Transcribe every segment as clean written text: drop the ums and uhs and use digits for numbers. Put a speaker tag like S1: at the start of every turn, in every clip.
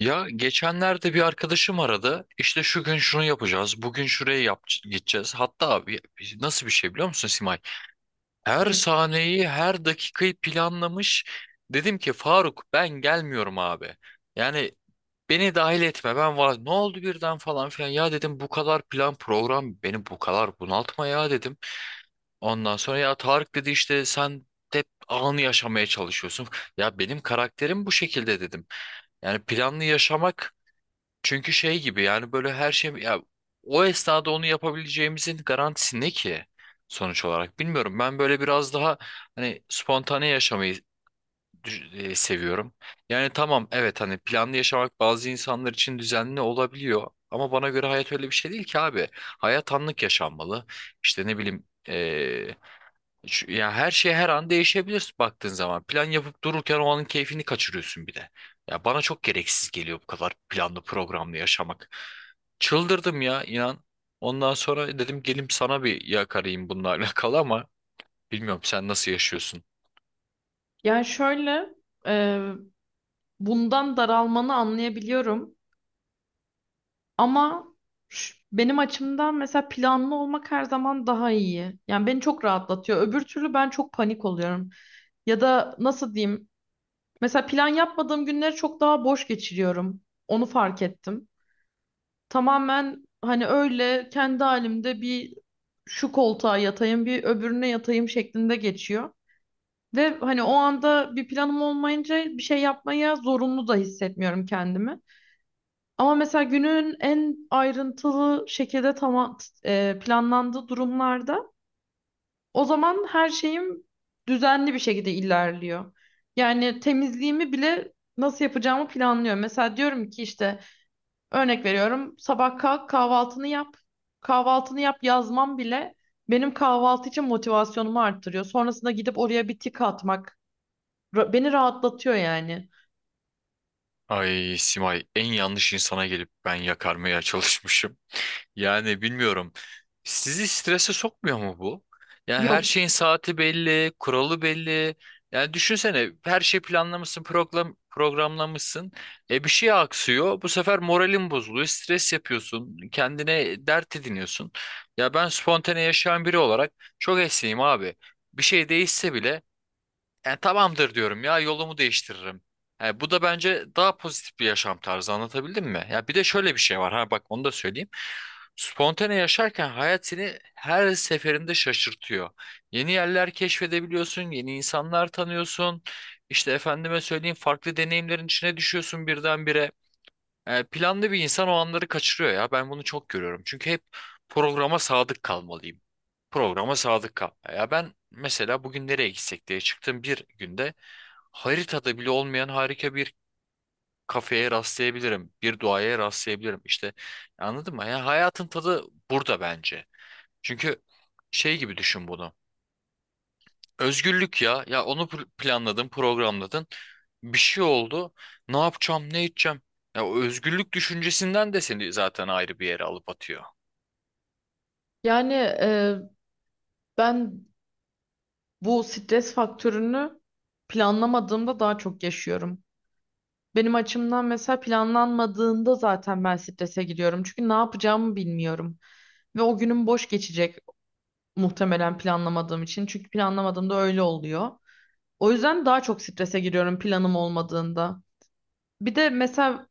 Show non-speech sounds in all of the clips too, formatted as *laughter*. S1: Ya geçenlerde bir arkadaşım aradı. İşte şu gün şunu yapacağız. Bugün şuraya yap gideceğiz. Hatta abi, nasıl bir şey biliyor musun Simay? Her
S2: Hı.
S1: sahneyi, her dakikayı planlamış. Dedim ki Faruk ben gelmiyorum abi. Yani beni dahil etme. Ben var. Ne oldu birden falan filan. Ya dedim bu kadar plan program beni bu kadar bunaltma ya dedim. Ondan sonra ya Tarık dedi işte sen hep anı yaşamaya çalışıyorsun. Ya benim karakterim bu şekilde dedim. Yani planlı yaşamak çünkü şey gibi yani böyle her şey ya o esnada onu yapabileceğimizin garantisi ne ki sonuç olarak bilmiyorum. Ben böyle biraz daha hani spontane yaşamayı seviyorum. Yani tamam evet hani planlı yaşamak bazı insanlar için düzenli olabiliyor ama bana göre hayat öyle bir şey değil ki abi. Hayat anlık yaşanmalı. İşte ne bileyim e, ya her şey her an değişebilir baktığın zaman. Plan yapıp dururken o anın keyfini kaçırıyorsun bir de. Ya bana çok gereksiz geliyor bu kadar planlı programlı yaşamak. Çıldırdım ya inan. Ondan sonra dedim gelim sana bir yakarayım bununla *laughs* alakalı ama bilmiyorum sen nasıl yaşıyorsun?
S2: Yani şöyle, e, bundan daralmanı anlayabiliyorum ama benim açımdan mesela planlı olmak her zaman daha iyi. Yani beni çok rahatlatıyor. Öbür türlü ben çok panik oluyorum. Ya da nasıl diyeyim? Mesela plan yapmadığım günleri çok daha boş geçiriyorum. Onu fark ettim. Tamamen hani öyle kendi halimde bir şu koltuğa yatayım, bir öbürüne yatayım şeklinde geçiyor. Ve hani o anda bir planım olmayınca bir şey yapmaya zorunlu da hissetmiyorum kendimi. Ama mesela günün en ayrıntılı şekilde tamam planlandığı durumlarda o zaman her şeyim düzenli bir şekilde ilerliyor. Yani temizliğimi bile nasıl yapacağımı planlıyorum. Mesela diyorum ki işte örnek veriyorum sabah kalk kahvaltını yap. Kahvaltını yap yazmam bile benim kahvaltı için motivasyonumu arttırıyor. Sonrasında gidip oraya bir tik atmak. Beni rahatlatıyor yani.
S1: Ay Simay en yanlış insana gelip ben yakarmaya çalışmışım. Yani bilmiyorum. Sizi strese sokmuyor mu bu? Yani her
S2: Yok.
S1: şeyin saati belli, kuralı belli. Yani düşünsene her şey planlamışsın, program, programlamışsın. E bir şey aksıyor. Bu sefer moralin bozuluyor. Stres yapıyorsun. Kendine dert ediniyorsun. Ya ben spontane yaşayan biri olarak çok esneyim abi. Bir şey değişse bile yani tamamdır diyorum ya yolumu değiştiririm. Yani bu da bence daha pozitif bir yaşam tarzı, anlatabildim mi? Ya bir de şöyle bir şey var, ha bak onu da söyleyeyim. Spontane yaşarken hayat seni her seferinde şaşırtıyor. Yeni yerler keşfedebiliyorsun, yeni insanlar tanıyorsun. İşte efendime söyleyeyim farklı deneyimlerin içine düşüyorsun birdenbire. Yani planlı bir insan o anları kaçırıyor ya ben bunu çok görüyorum. Çünkü hep programa sadık kalmalıyım, programa sadık kal. Ya ben mesela bugün nereye gitsek diye çıktığım bir günde haritada bile olmayan harika bir kafeye rastlayabilirim. Bir duaya rastlayabilirim. İşte anladın mı? Ya hayatın tadı burada bence. Çünkü şey gibi düşün bunu. Özgürlük ya. Ya onu planladın, programladın. Bir şey oldu. Ne yapacağım, ne edeceğim? Ya o özgürlük düşüncesinden de seni zaten ayrı bir yere alıp atıyor.
S2: Yani ben bu stres faktörünü planlamadığımda daha çok yaşıyorum. Benim açımdan mesela planlanmadığında zaten ben strese giriyorum. Çünkü ne yapacağımı bilmiyorum. Ve o günüm boş geçecek muhtemelen planlamadığım için. Çünkü planlamadığımda öyle oluyor. O yüzden daha çok strese giriyorum planım olmadığında. Bir de mesela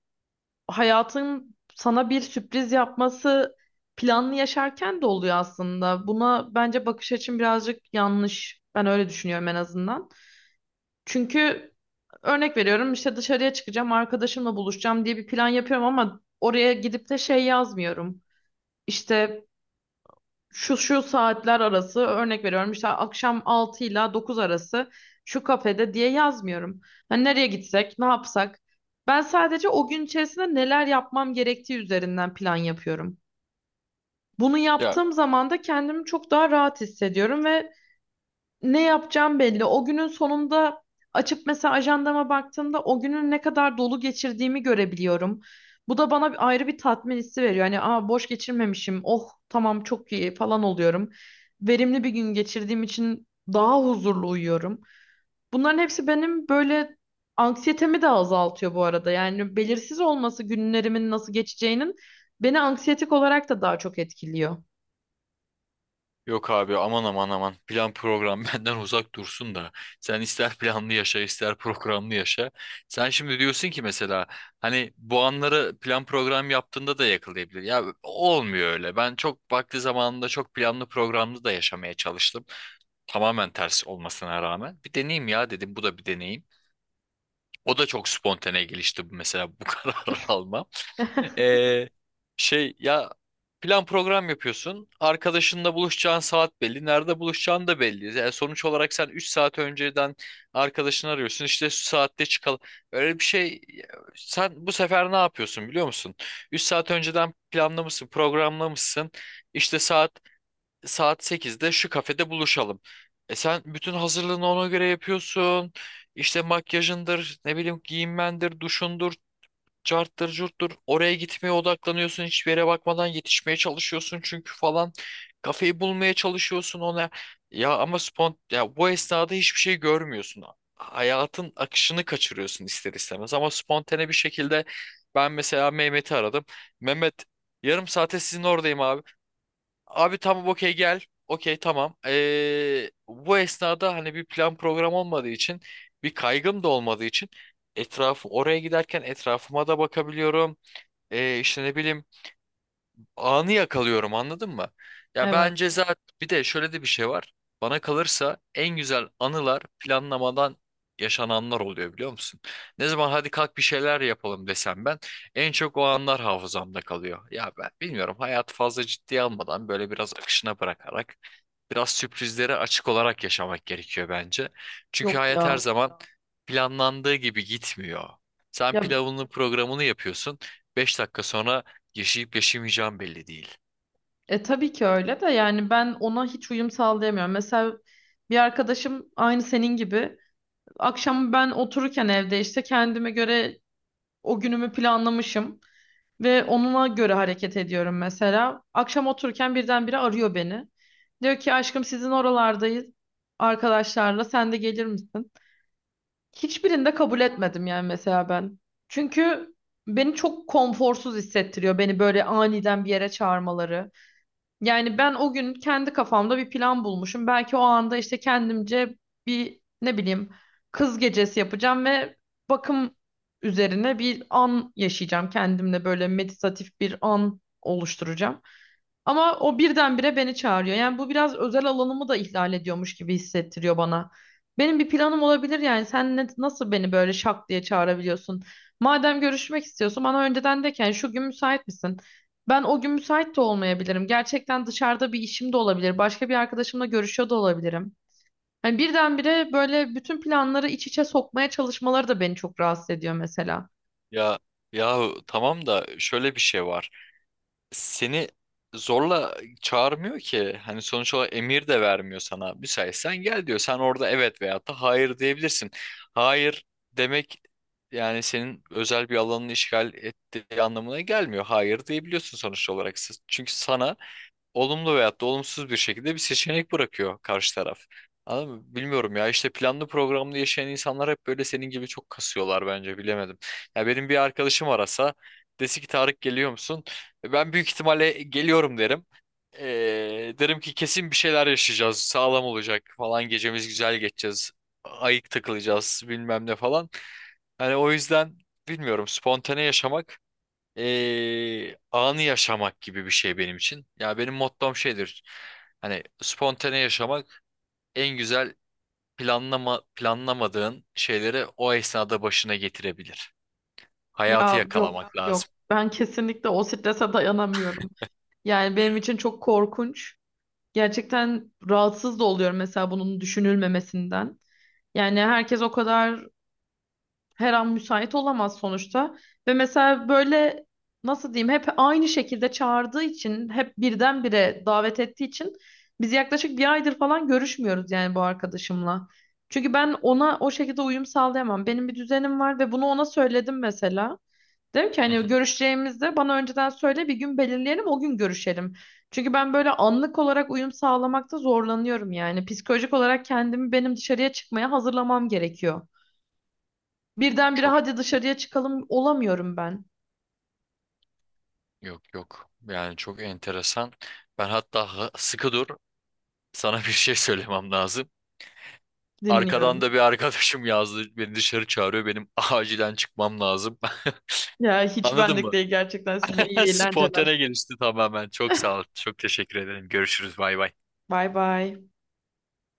S2: hayatın sana bir sürpriz yapması planlı yaşarken de oluyor aslında. Buna bence bakış açım birazcık yanlış. Ben öyle düşünüyorum en azından. Çünkü örnek veriyorum işte dışarıya çıkacağım, arkadaşımla buluşacağım diye bir plan yapıyorum ama oraya gidip de şey yazmıyorum. İşte şu şu saatler arası örnek veriyorum işte akşam 6 ile 9 arası şu kafede diye yazmıyorum. Hani nereye gitsek, ne yapsak? Ben sadece o gün içerisinde neler yapmam gerektiği üzerinden plan yapıyorum. Bunu
S1: Ya
S2: yaptığım zaman da kendimi çok daha rahat hissediyorum ve ne yapacağım belli. O günün sonunda açıp mesela ajandama baktığımda o günün ne kadar dolu geçirdiğimi görebiliyorum. Bu da bana bir ayrı bir tatmin hissi veriyor. Hani aa boş geçirmemişim. Oh tamam çok iyi falan oluyorum. Verimli bir gün geçirdiğim için daha huzurlu uyuyorum. Bunların hepsi benim böyle anksiyetemi de azaltıyor bu arada. Yani belirsiz olması günlerimin nasıl geçeceğinin beni anksiyetik olarak da daha çok etkiliyor.
S1: yok abi, aman aman aman, plan program *laughs* benden uzak dursun da sen ister planlı yaşa ister programlı yaşa. Sen şimdi diyorsun ki mesela hani bu anları plan program yaptığında da yakalayabilir. Ya olmuyor öyle, ben çok vakti zamanında çok planlı programlı da yaşamaya çalıştım. Tamamen ters olmasına rağmen bir deneyeyim ya dedim, bu da bir deneyim. O da çok spontane gelişti, mesela bu *laughs* karar almam.
S2: *laughs*
S1: Ee, şey ya, plan program yapıyorsun. Arkadaşınla buluşacağın saat belli. Nerede buluşacağın da belli. Yani sonuç olarak sen 3 saat önceden arkadaşını arıyorsun. İşte şu saatte çıkalım. Öyle bir şey, sen bu sefer ne yapıyorsun biliyor musun? 3 saat önceden planlamışsın, programlamışsın. İşte saat sekizde şu kafede buluşalım. E sen bütün hazırlığını ona göre yapıyorsun. İşte makyajındır, ne bileyim giyinmendir, duşundur, carttır curttur, oraya gitmeye odaklanıyorsun, hiçbir yere bakmadan yetişmeye çalışıyorsun çünkü falan kafayı bulmaya çalışıyorsun ona. Ya ama ya bu esnada hiçbir şey görmüyorsun, hayatın akışını kaçırıyorsun ister istemez. Ama spontane bir şekilde ben mesela Mehmet'i aradım. Mehmet, yarım saate sizin oradayım abi. Abi tamam, okey, gel. Okey tamam. Bu esnada hani bir plan program olmadığı için, bir kaygım da olmadığı için etrafı oraya giderken etrafıma da bakabiliyorum. İşte ne bileyim anı yakalıyorum, anladın mı? Ya
S2: Evet.
S1: bence zaten bir de şöyle de bir şey var. Bana kalırsa en güzel anılar planlamadan yaşananlar oluyor, biliyor musun? Ne zaman hadi kalk bir şeyler yapalım desem ben, en çok o anlar hafızamda kalıyor. Ya ben bilmiyorum, hayatı fazla ciddiye almadan böyle biraz akışına bırakarak, biraz sürprizlere açık olarak yaşamak gerekiyor bence.
S2: Yok
S1: Çünkü hayat her
S2: ya.
S1: zaman planlandığı gibi gitmiyor. Sen
S2: Ya
S1: pilavını programını yapıyorsun. 5 dakika sonra yaşayıp yaşamayacağım belli değil.
S2: Tabii ki öyle de yani ben ona hiç uyum sağlayamıyorum. Mesela bir arkadaşım aynı senin gibi akşam ben otururken evde işte kendime göre o günümü planlamışım ve onunla göre hareket ediyorum mesela. Akşam otururken birdenbire arıyor beni. Diyor ki aşkım sizin oralardayız arkadaşlarla sen de gelir misin? Hiçbirinde kabul etmedim yani mesela ben. Çünkü beni çok konforsuz hissettiriyor beni böyle aniden bir yere çağırmaları. Yani ben o gün kendi kafamda bir plan bulmuşum. Belki o anda işte kendimce bir ne bileyim kız gecesi yapacağım ve bakım üzerine bir an yaşayacağım. Kendimle böyle meditatif bir an oluşturacağım. Ama o birdenbire beni çağırıyor. Yani bu biraz özel alanımı da ihlal ediyormuş gibi hissettiriyor bana. Benim bir planım olabilir yani. Sen nasıl beni böyle şak diye çağırabiliyorsun? Madem görüşmek istiyorsun bana önceden de ki "Yani şu gün müsait misin? Ben o gün müsait de olmayabilirim. Gerçekten dışarıda bir işim de olabilir. Başka bir arkadaşımla görüşüyor da olabilirim. Hani birdenbire böyle bütün planları iç içe sokmaya çalışmaları da beni çok rahatsız ediyor mesela.
S1: Ya ya tamam da şöyle bir şey var. Seni zorla çağırmıyor ki. Hani sonuç olarak emir de vermiyor sana. Müsaitsen gel diyor. Sen orada evet veyahut da hayır diyebilirsin. Hayır demek yani senin özel bir alanını işgal ettiği anlamına gelmiyor. Hayır diyebiliyorsun sonuç olarak. Çünkü sana olumlu veyahut da olumsuz bir şekilde bir seçenek bırakıyor karşı taraf. Anladın mı? Bilmiyorum ya, işte planlı programlı yaşayan insanlar hep böyle senin gibi çok kasıyorlar bence, bilemedim. Ya benim bir arkadaşım arasa dese ki Tarık geliyor musun? Ben büyük ihtimalle "E, geliyorum" derim. Derim ki kesin bir şeyler yaşayacağız, sağlam olacak falan, gecemiz güzel geçeceğiz, ayık takılacağız bilmem ne falan. Hani o yüzden bilmiyorum, spontane yaşamak anı yaşamak gibi bir şey benim için. Ya benim mottom şeydir. Hani spontane yaşamak en güzel, planlamadığın şeyleri o esnada başına getirebilir. Hayatı
S2: Ya yok
S1: yakalamak
S2: yok.
S1: lazım.
S2: Ben kesinlikle o strese dayanamıyorum. Yani benim için çok korkunç. Gerçekten rahatsız da oluyorum mesela bunun düşünülmemesinden. Yani herkes o kadar her an müsait olamaz sonuçta. Ve mesela böyle nasıl diyeyim hep aynı şekilde çağırdığı için hep birdenbire davet ettiği için biz yaklaşık bir aydır falan görüşmüyoruz yani bu arkadaşımla. Çünkü ben ona o şekilde uyum sağlayamam. Benim bir düzenim var ve bunu ona söyledim mesela. Dedim ki
S1: Hı
S2: hani
S1: hı.
S2: görüşeceğimizde bana önceden söyle bir gün belirleyelim o gün görüşelim. Çünkü ben böyle anlık olarak uyum sağlamakta zorlanıyorum yani. Psikolojik olarak kendimi benim dışarıya çıkmaya hazırlamam gerekiyor. Birdenbire
S1: Çok,
S2: hadi dışarıya çıkalım olamıyorum ben.
S1: yok yok. Yani çok enteresan. Ben hatta sıkı dur. Sana bir şey söylemem lazım. Arkadan
S2: Dinliyorum.
S1: da bir arkadaşım yazdı. Beni dışarı çağırıyor. Benim *laughs* acilen çıkmam lazım. *laughs*
S2: Ya hiç
S1: Anladın
S2: benlik
S1: mı?
S2: değil gerçekten size
S1: *laughs*
S2: iyi eğlenceler.
S1: Spontane gelişti tamamen. Çok sağ ol. Çok teşekkür ederim. Görüşürüz. Bay bay.
S2: Bay bay.